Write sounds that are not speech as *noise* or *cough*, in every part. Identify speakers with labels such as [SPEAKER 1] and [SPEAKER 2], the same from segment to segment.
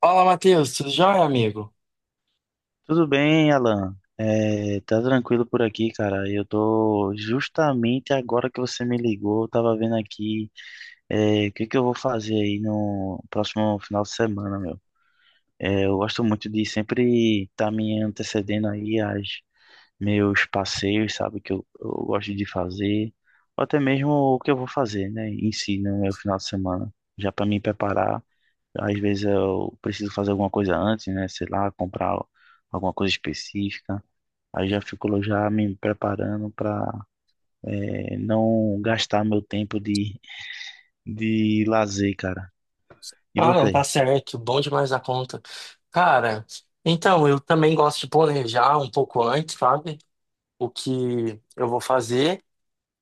[SPEAKER 1] Fala, Matheus, tudo jóia, amigo?
[SPEAKER 2] Tudo bem, Alan? Tá tranquilo por aqui, cara. Eu tô justamente agora que você me ligou, eu tava vendo aqui o que que eu vou fazer aí no próximo final de semana, meu. Eu gosto muito de sempre estar tá me antecedendo aí aos meus passeios, sabe, que eu gosto de fazer, ou até mesmo o que eu vou fazer, né, em si, no meu final de semana, já para me preparar. Às vezes eu preciso fazer alguma coisa antes, né, sei lá, comprar alguma coisa específica. Aí já fico já me preparando para não gastar meu tempo de lazer, cara. E
[SPEAKER 1] Ah, não, tá
[SPEAKER 2] você?
[SPEAKER 1] certo, bom demais a conta. Cara, então, eu também gosto de planejar um pouco antes, sabe? O que eu vou fazer,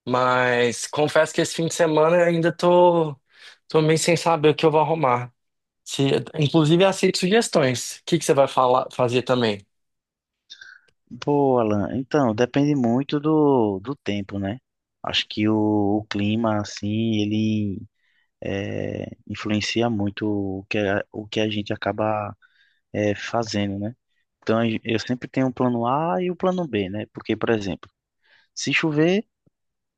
[SPEAKER 1] mas confesso que esse fim de semana eu ainda tô meio sem saber o que eu vou arrumar. Se, inclusive, aceito sugestões. O que que você vai falar, fazer também?
[SPEAKER 2] Pô, Alan, então, depende muito do tempo, né? Acho que o clima, assim, ele influencia muito o que, o que a gente acaba fazendo, né? Então, eu sempre tenho um plano A e o plano B, né? Porque, por exemplo, se chover,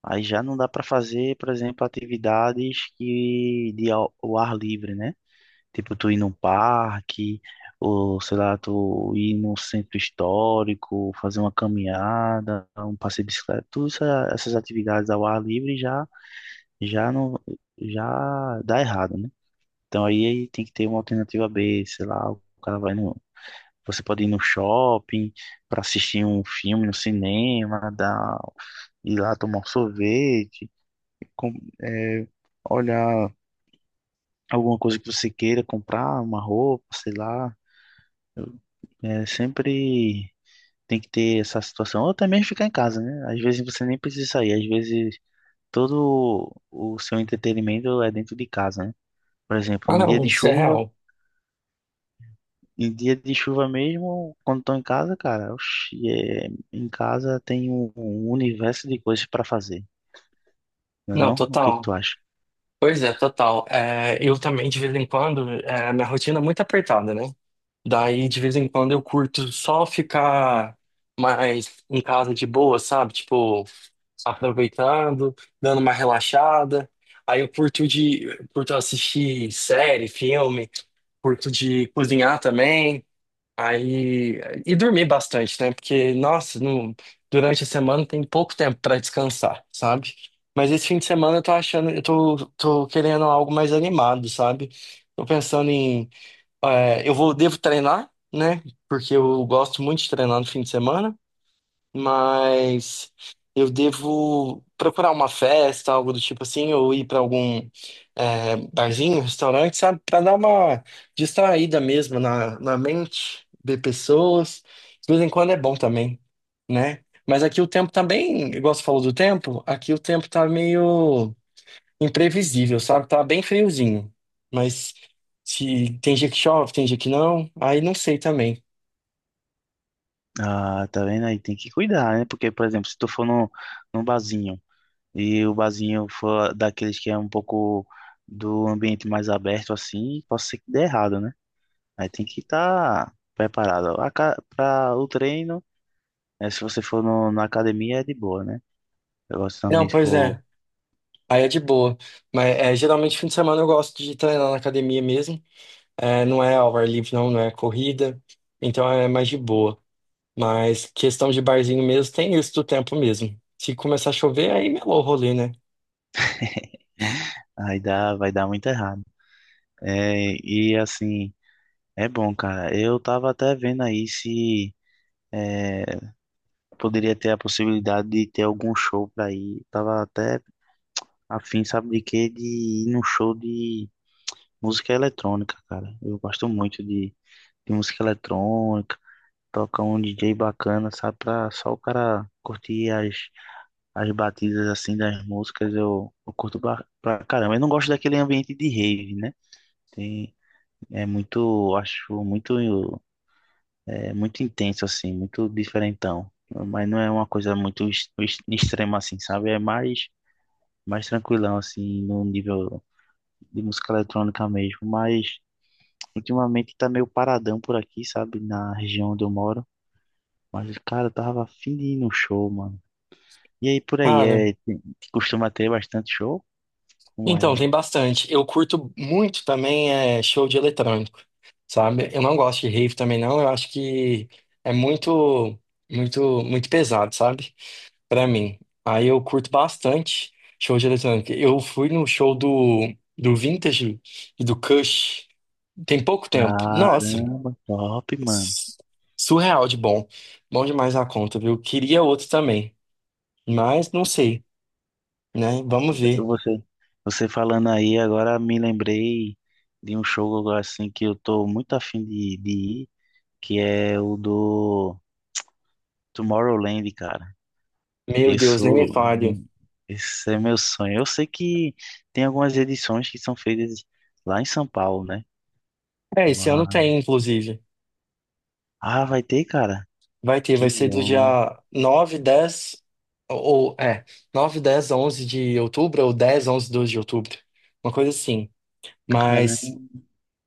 [SPEAKER 2] aí já não dá para fazer, por exemplo, atividades que de ao ar livre, né? Tipo, tu ir num parque, ou sei lá, tu ir num centro histórico, fazer uma caminhada, um passeio de bicicleta, todas essas atividades ao ar livre já já não já dá errado, né? Então aí tem que ter uma alternativa B, sei lá, o cara vai no. Você pode ir no shopping para assistir um filme no cinema, ir lá tomar um sorvete, com- é, olhar alguma coisa que você queira comprar, uma roupa, sei lá. Sempre tem que ter essa situação. Ou também ficar em casa, né? Às vezes você nem precisa sair. Às vezes todo o seu entretenimento é dentro de casa, né? Por exemplo,
[SPEAKER 1] Ah,
[SPEAKER 2] em dia
[SPEAKER 1] não,
[SPEAKER 2] de
[SPEAKER 1] isso é
[SPEAKER 2] chuva,
[SPEAKER 1] real.
[SPEAKER 2] Em dia de chuva mesmo, quando estou em casa, cara, oxi, é, em casa tem um universo de coisas para fazer, não é
[SPEAKER 1] Não,
[SPEAKER 2] não? O que que tu
[SPEAKER 1] total.
[SPEAKER 2] acha?
[SPEAKER 1] Pois é, total. É, eu também, de vez em quando, minha rotina é muito apertada, né? Daí, de vez em quando, eu curto só ficar mais em casa de boa, sabe? Tipo, aproveitando, dando uma relaxada. Aí eu curto assistir série, filme, curto de cozinhar também. Aí, e dormir bastante, né? Porque, nossa, durante a semana tem pouco tempo pra descansar, sabe? Mas esse fim de semana eu tô achando, tô querendo algo mais animado, sabe? Tô pensando em, eu vou, devo treinar, né? Porque eu gosto muito de treinar no fim de semana mas eu devo procurar uma festa, algo do tipo assim, ou ir para algum barzinho, restaurante, sabe? Pra dar uma distraída mesmo na mente, ver pessoas. De vez em quando é bom também, né? Mas aqui o tempo também bem, igual você falou do tempo, aqui o tempo tá meio imprevisível, sabe? Tá bem friozinho. Mas se tem dia que chove, tem dia que não, aí não sei também.
[SPEAKER 2] Ah, tá vendo aí? Tem que cuidar, né? Porque, por exemplo, se tu for num barzinho e o barzinho for daqueles que é um pouco do ambiente mais aberto assim, pode ser que dê errado, né? Aí tem que estar preparado. Para o treino, né, se você for no, na academia, é de boa, né? Agora,
[SPEAKER 1] Não,
[SPEAKER 2] se
[SPEAKER 1] pois
[SPEAKER 2] for,
[SPEAKER 1] é. Aí é de boa. Mas é, geralmente fim de semana eu gosto de treinar na academia mesmo. É, não é ao ar livre, não, não é corrida. Então é mais de boa. Mas questão de barzinho mesmo, tem isso do tempo mesmo. Se começar a chover, aí melou o rolê, né?
[SPEAKER 2] *laughs* aí vai dar muito errado. E assim, é bom, cara. Eu tava até vendo aí se é, poderia ter a possibilidade de ter algum show pra ir. Tava até afim, sabe de quê? De ir num show de música eletrônica, cara. Eu gosto muito de música eletrônica. Toca um DJ bacana, sabe? Pra só o cara curtir as batidas assim das músicas. Eu curto pra caramba. Eu não gosto daquele ambiente de rave, né? Tem, é muito, acho muito, é muito intenso assim, muito diferentão. Mas não é uma coisa muito extrema assim, sabe? Mais tranquilão assim, no nível de música eletrônica mesmo. Mas ultimamente tá meio paradão por aqui, sabe? Na região onde eu moro. Mas, cara, eu tava afim de ir num show, mano. E aí, por aí,
[SPEAKER 1] Cara,
[SPEAKER 2] costuma ter bastante show? Como
[SPEAKER 1] então
[SPEAKER 2] é?
[SPEAKER 1] tem bastante. Eu curto muito também show de eletrônico, sabe? Eu não gosto de rave também, não. Eu acho que é muito, muito, muito pesado, sabe? Pra mim. Aí eu curto bastante show de eletrônica. Eu fui no show do Vintage e do Kush tem pouco tempo. Nossa,
[SPEAKER 2] Caramba, top, mano.
[SPEAKER 1] s- surreal de bom. Bom demais a conta, viu? Queria outro também, mas não sei, né? Vamos ver.
[SPEAKER 2] Você, você falando aí, agora me lembrei de um show assim que eu tô muito afim de ir, que é o do Tomorrowland, cara.
[SPEAKER 1] Meu Deus, nem me
[SPEAKER 2] Isso,
[SPEAKER 1] fale.
[SPEAKER 2] esse é meu sonho. Eu sei que tem algumas edições que são feitas lá em São Paulo, né?
[SPEAKER 1] É, esse ano
[SPEAKER 2] Mano.
[SPEAKER 1] tem, inclusive.
[SPEAKER 2] Ah, vai ter, cara?
[SPEAKER 1] Vai ter, vai
[SPEAKER 2] Que
[SPEAKER 1] ser do dia
[SPEAKER 2] bom.
[SPEAKER 1] 9, 10 ou 9, 10, 11 de outubro, ou 10, 11, 12 de outubro. Uma coisa assim.
[SPEAKER 2] Caramba,
[SPEAKER 1] Mas,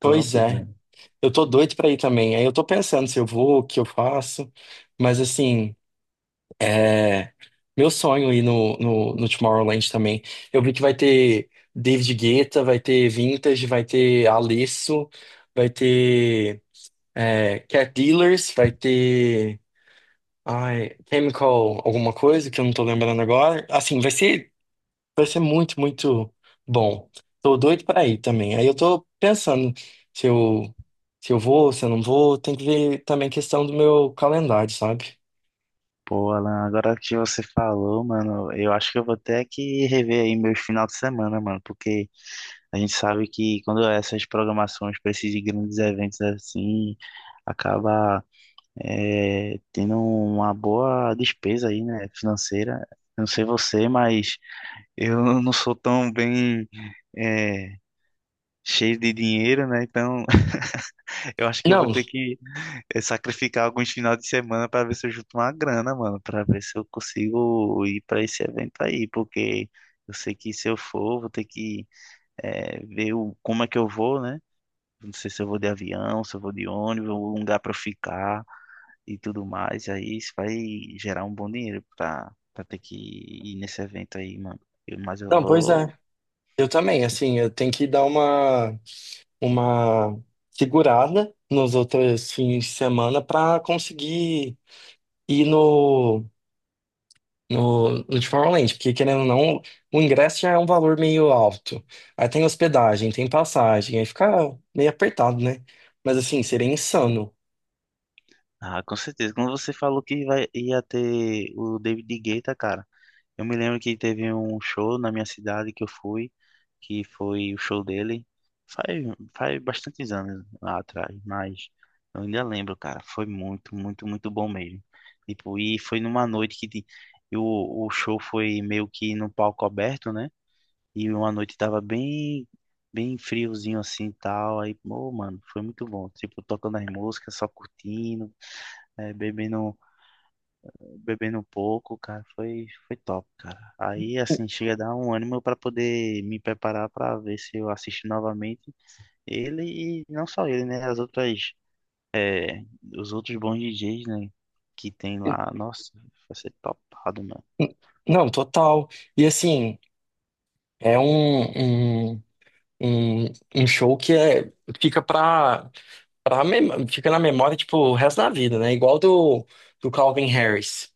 [SPEAKER 1] pois é.
[SPEAKER 2] velho.
[SPEAKER 1] Eu tô doido pra ir também. Aí eu tô pensando se eu vou, o que eu faço. Mas assim, é, meu sonho é ir no Tomorrowland também. Eu vi que vai ter David Guetta, vai ter Vintage, vai ter Alesso, vai ter Cat Dealers, vai ter ai, Chemical alguma coisa que eu não tô lembrando agora. Assim, vai ser muito, muito bom. Tô doido pra ir também. Aí eu tô pensando se eu, se eu vou, se eu não vou. Tem que ver também questão do meu calendário, sabe?
[SPEAKER 2] Pô, Alan, agora que você falou, mano, eu acho que eu vou ter que rever aí meus final de semana, mano, porque a gente sabe que quando essas programações precisam de grandes eventos assim, acaba tendo uma boa despesa aí, né, financeira. Eu não sei você, mas eu *laughs* não sou tão bem é, cheio de dinheiro, né? Então *laughs* eu acho que eu vou
[SPEAKER 1] Não,
[SPEAKER 2] ter que sacrificar alguns finais de semana para ver se eu junto uma grana, mano, para ver se eu consigo ir para esse evento aí, porque eu sei que se eu for, vou ter que ver como é que eu vou, né? Não sei se eu vou de avião, se eu vou de ônibus, um lugar para eu ficar e tudo mais. Aí isso vai gerar um bom dinheiro para ter que ir nesse evento aí, mano. Mas eu
[SPEAKER 1] não, pois é.
[SPEAKER 2] vou.
[SPEAKER 1] Eu também, assim, eu tenho que dar uma segurada nos outros fins de semana pra conseguir ir no de Tomorrowland, porque querendo ou não, o ingresso já é um valor meio alto. Aí tem hospedagem, tem passagem, aí fica meio apertado, né? Mas assim, seria insano.
[SPEAKER 2] Ah, com certeza. Quando você falou que ia ter o David Guetta, cara. Eu me lembro que teve um show na minha cidade que eu fui, que foi o show dele faz, faz bastantes anos lá atrás, mas eu ainda lembro, cara, foi muito, muito, muito bom mesmo. Tipo, e foi numa noite e o, o show foi meio que num palco aberto, né? E uma noite tava bem friozinho assim e tal. Aí, pô, mano, foi muito bom. Tipo, tocando as músicas, só curtindo, eh, bebendo bebendo um pouco, cara, foi top, cara. Aí, assim, chega a dar um ânimo pra poder me preparar pra ver se eu assisto novamente ele e não só ele, né? É, os outros bons DJs, né? Que tem lá. Nossa, vai ser topado, mano.
[SPEAKER 1] Não, total. E assim, é um, um, um, um show que fica pra fica na memória, tipo, o resto da vida, né? Igual do Calvin Harris.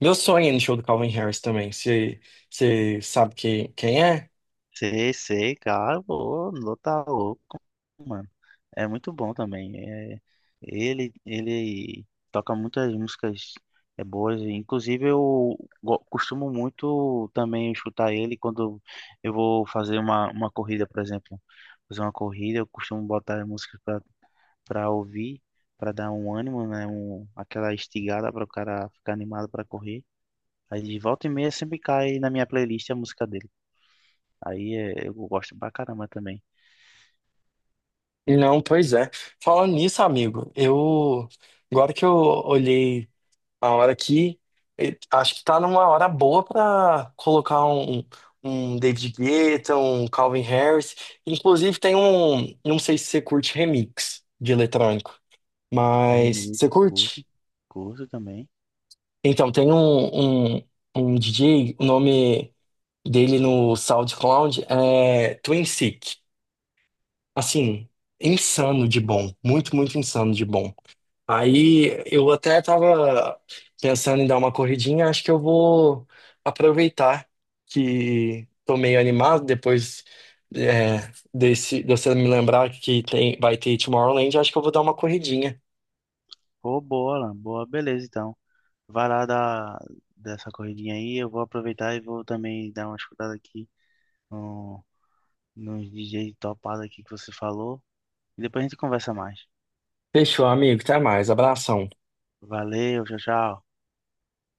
[SPEAKER 1] Meu sonho é ir no show do Calvin Harris também. Você sabe que, quem é?
[SPEAKER 2] Sei, sei, cara, pô, não tá louco, mano. É muito bom também. É, ele toca muitas músicas boas. Inclusive, costumo muito também escutar ele quando eu vou fazer uma corrida, por exemplo. Fazer uma corrida, eu costumo botar músicas pra ouvir, pra dar um ânimo, né? Um, aquela estigada para o cara ficar animado pra correr. Aí de volta e meia sempre cai na minha playlist a música dele. Eu gosto pra caramba também.
[SPEAKER 1] Não, pois é. Falando nisso, amigo, eu agora que eu olhei a hora aqui, acho que tá numa hora boa pra colocar um, um David Guetta, um Calvin Harris. Inclusive tem um, não sei se você curte remix de eletrônico, mas
[SPEAKER 2] Hermeneuta,
[SPEAKER 1] você curte?
[SPEAKER 2] curto também.
[SPEAKER 1] Então, tem um DJ, o nome dele no SoundCloud é Twin Sick. Assim, insano de bom, muito, muito insano de bom. Aí eu até tava pensando em dar uma corridinha, acho que eu vou aproveitar que tô meio animado depois é, desse, de você me lembrar que vai ter Tomorrowland, acho que eu vou dar uma corridinha.
[SPEAKER 2] Pô, boa, Alan, boa, beleza então. Vai lá dar dessa corridinha aí, eu vou aproveitar e vou também dar uma escutada aqui no, nos DJ topado aqui que você falou. E depois a gente conversa mais.
[SPEAKER 1] Fechou, amigo. Até mais. Abração.
[SPEAKER 2] Valeu, tchau, tchau.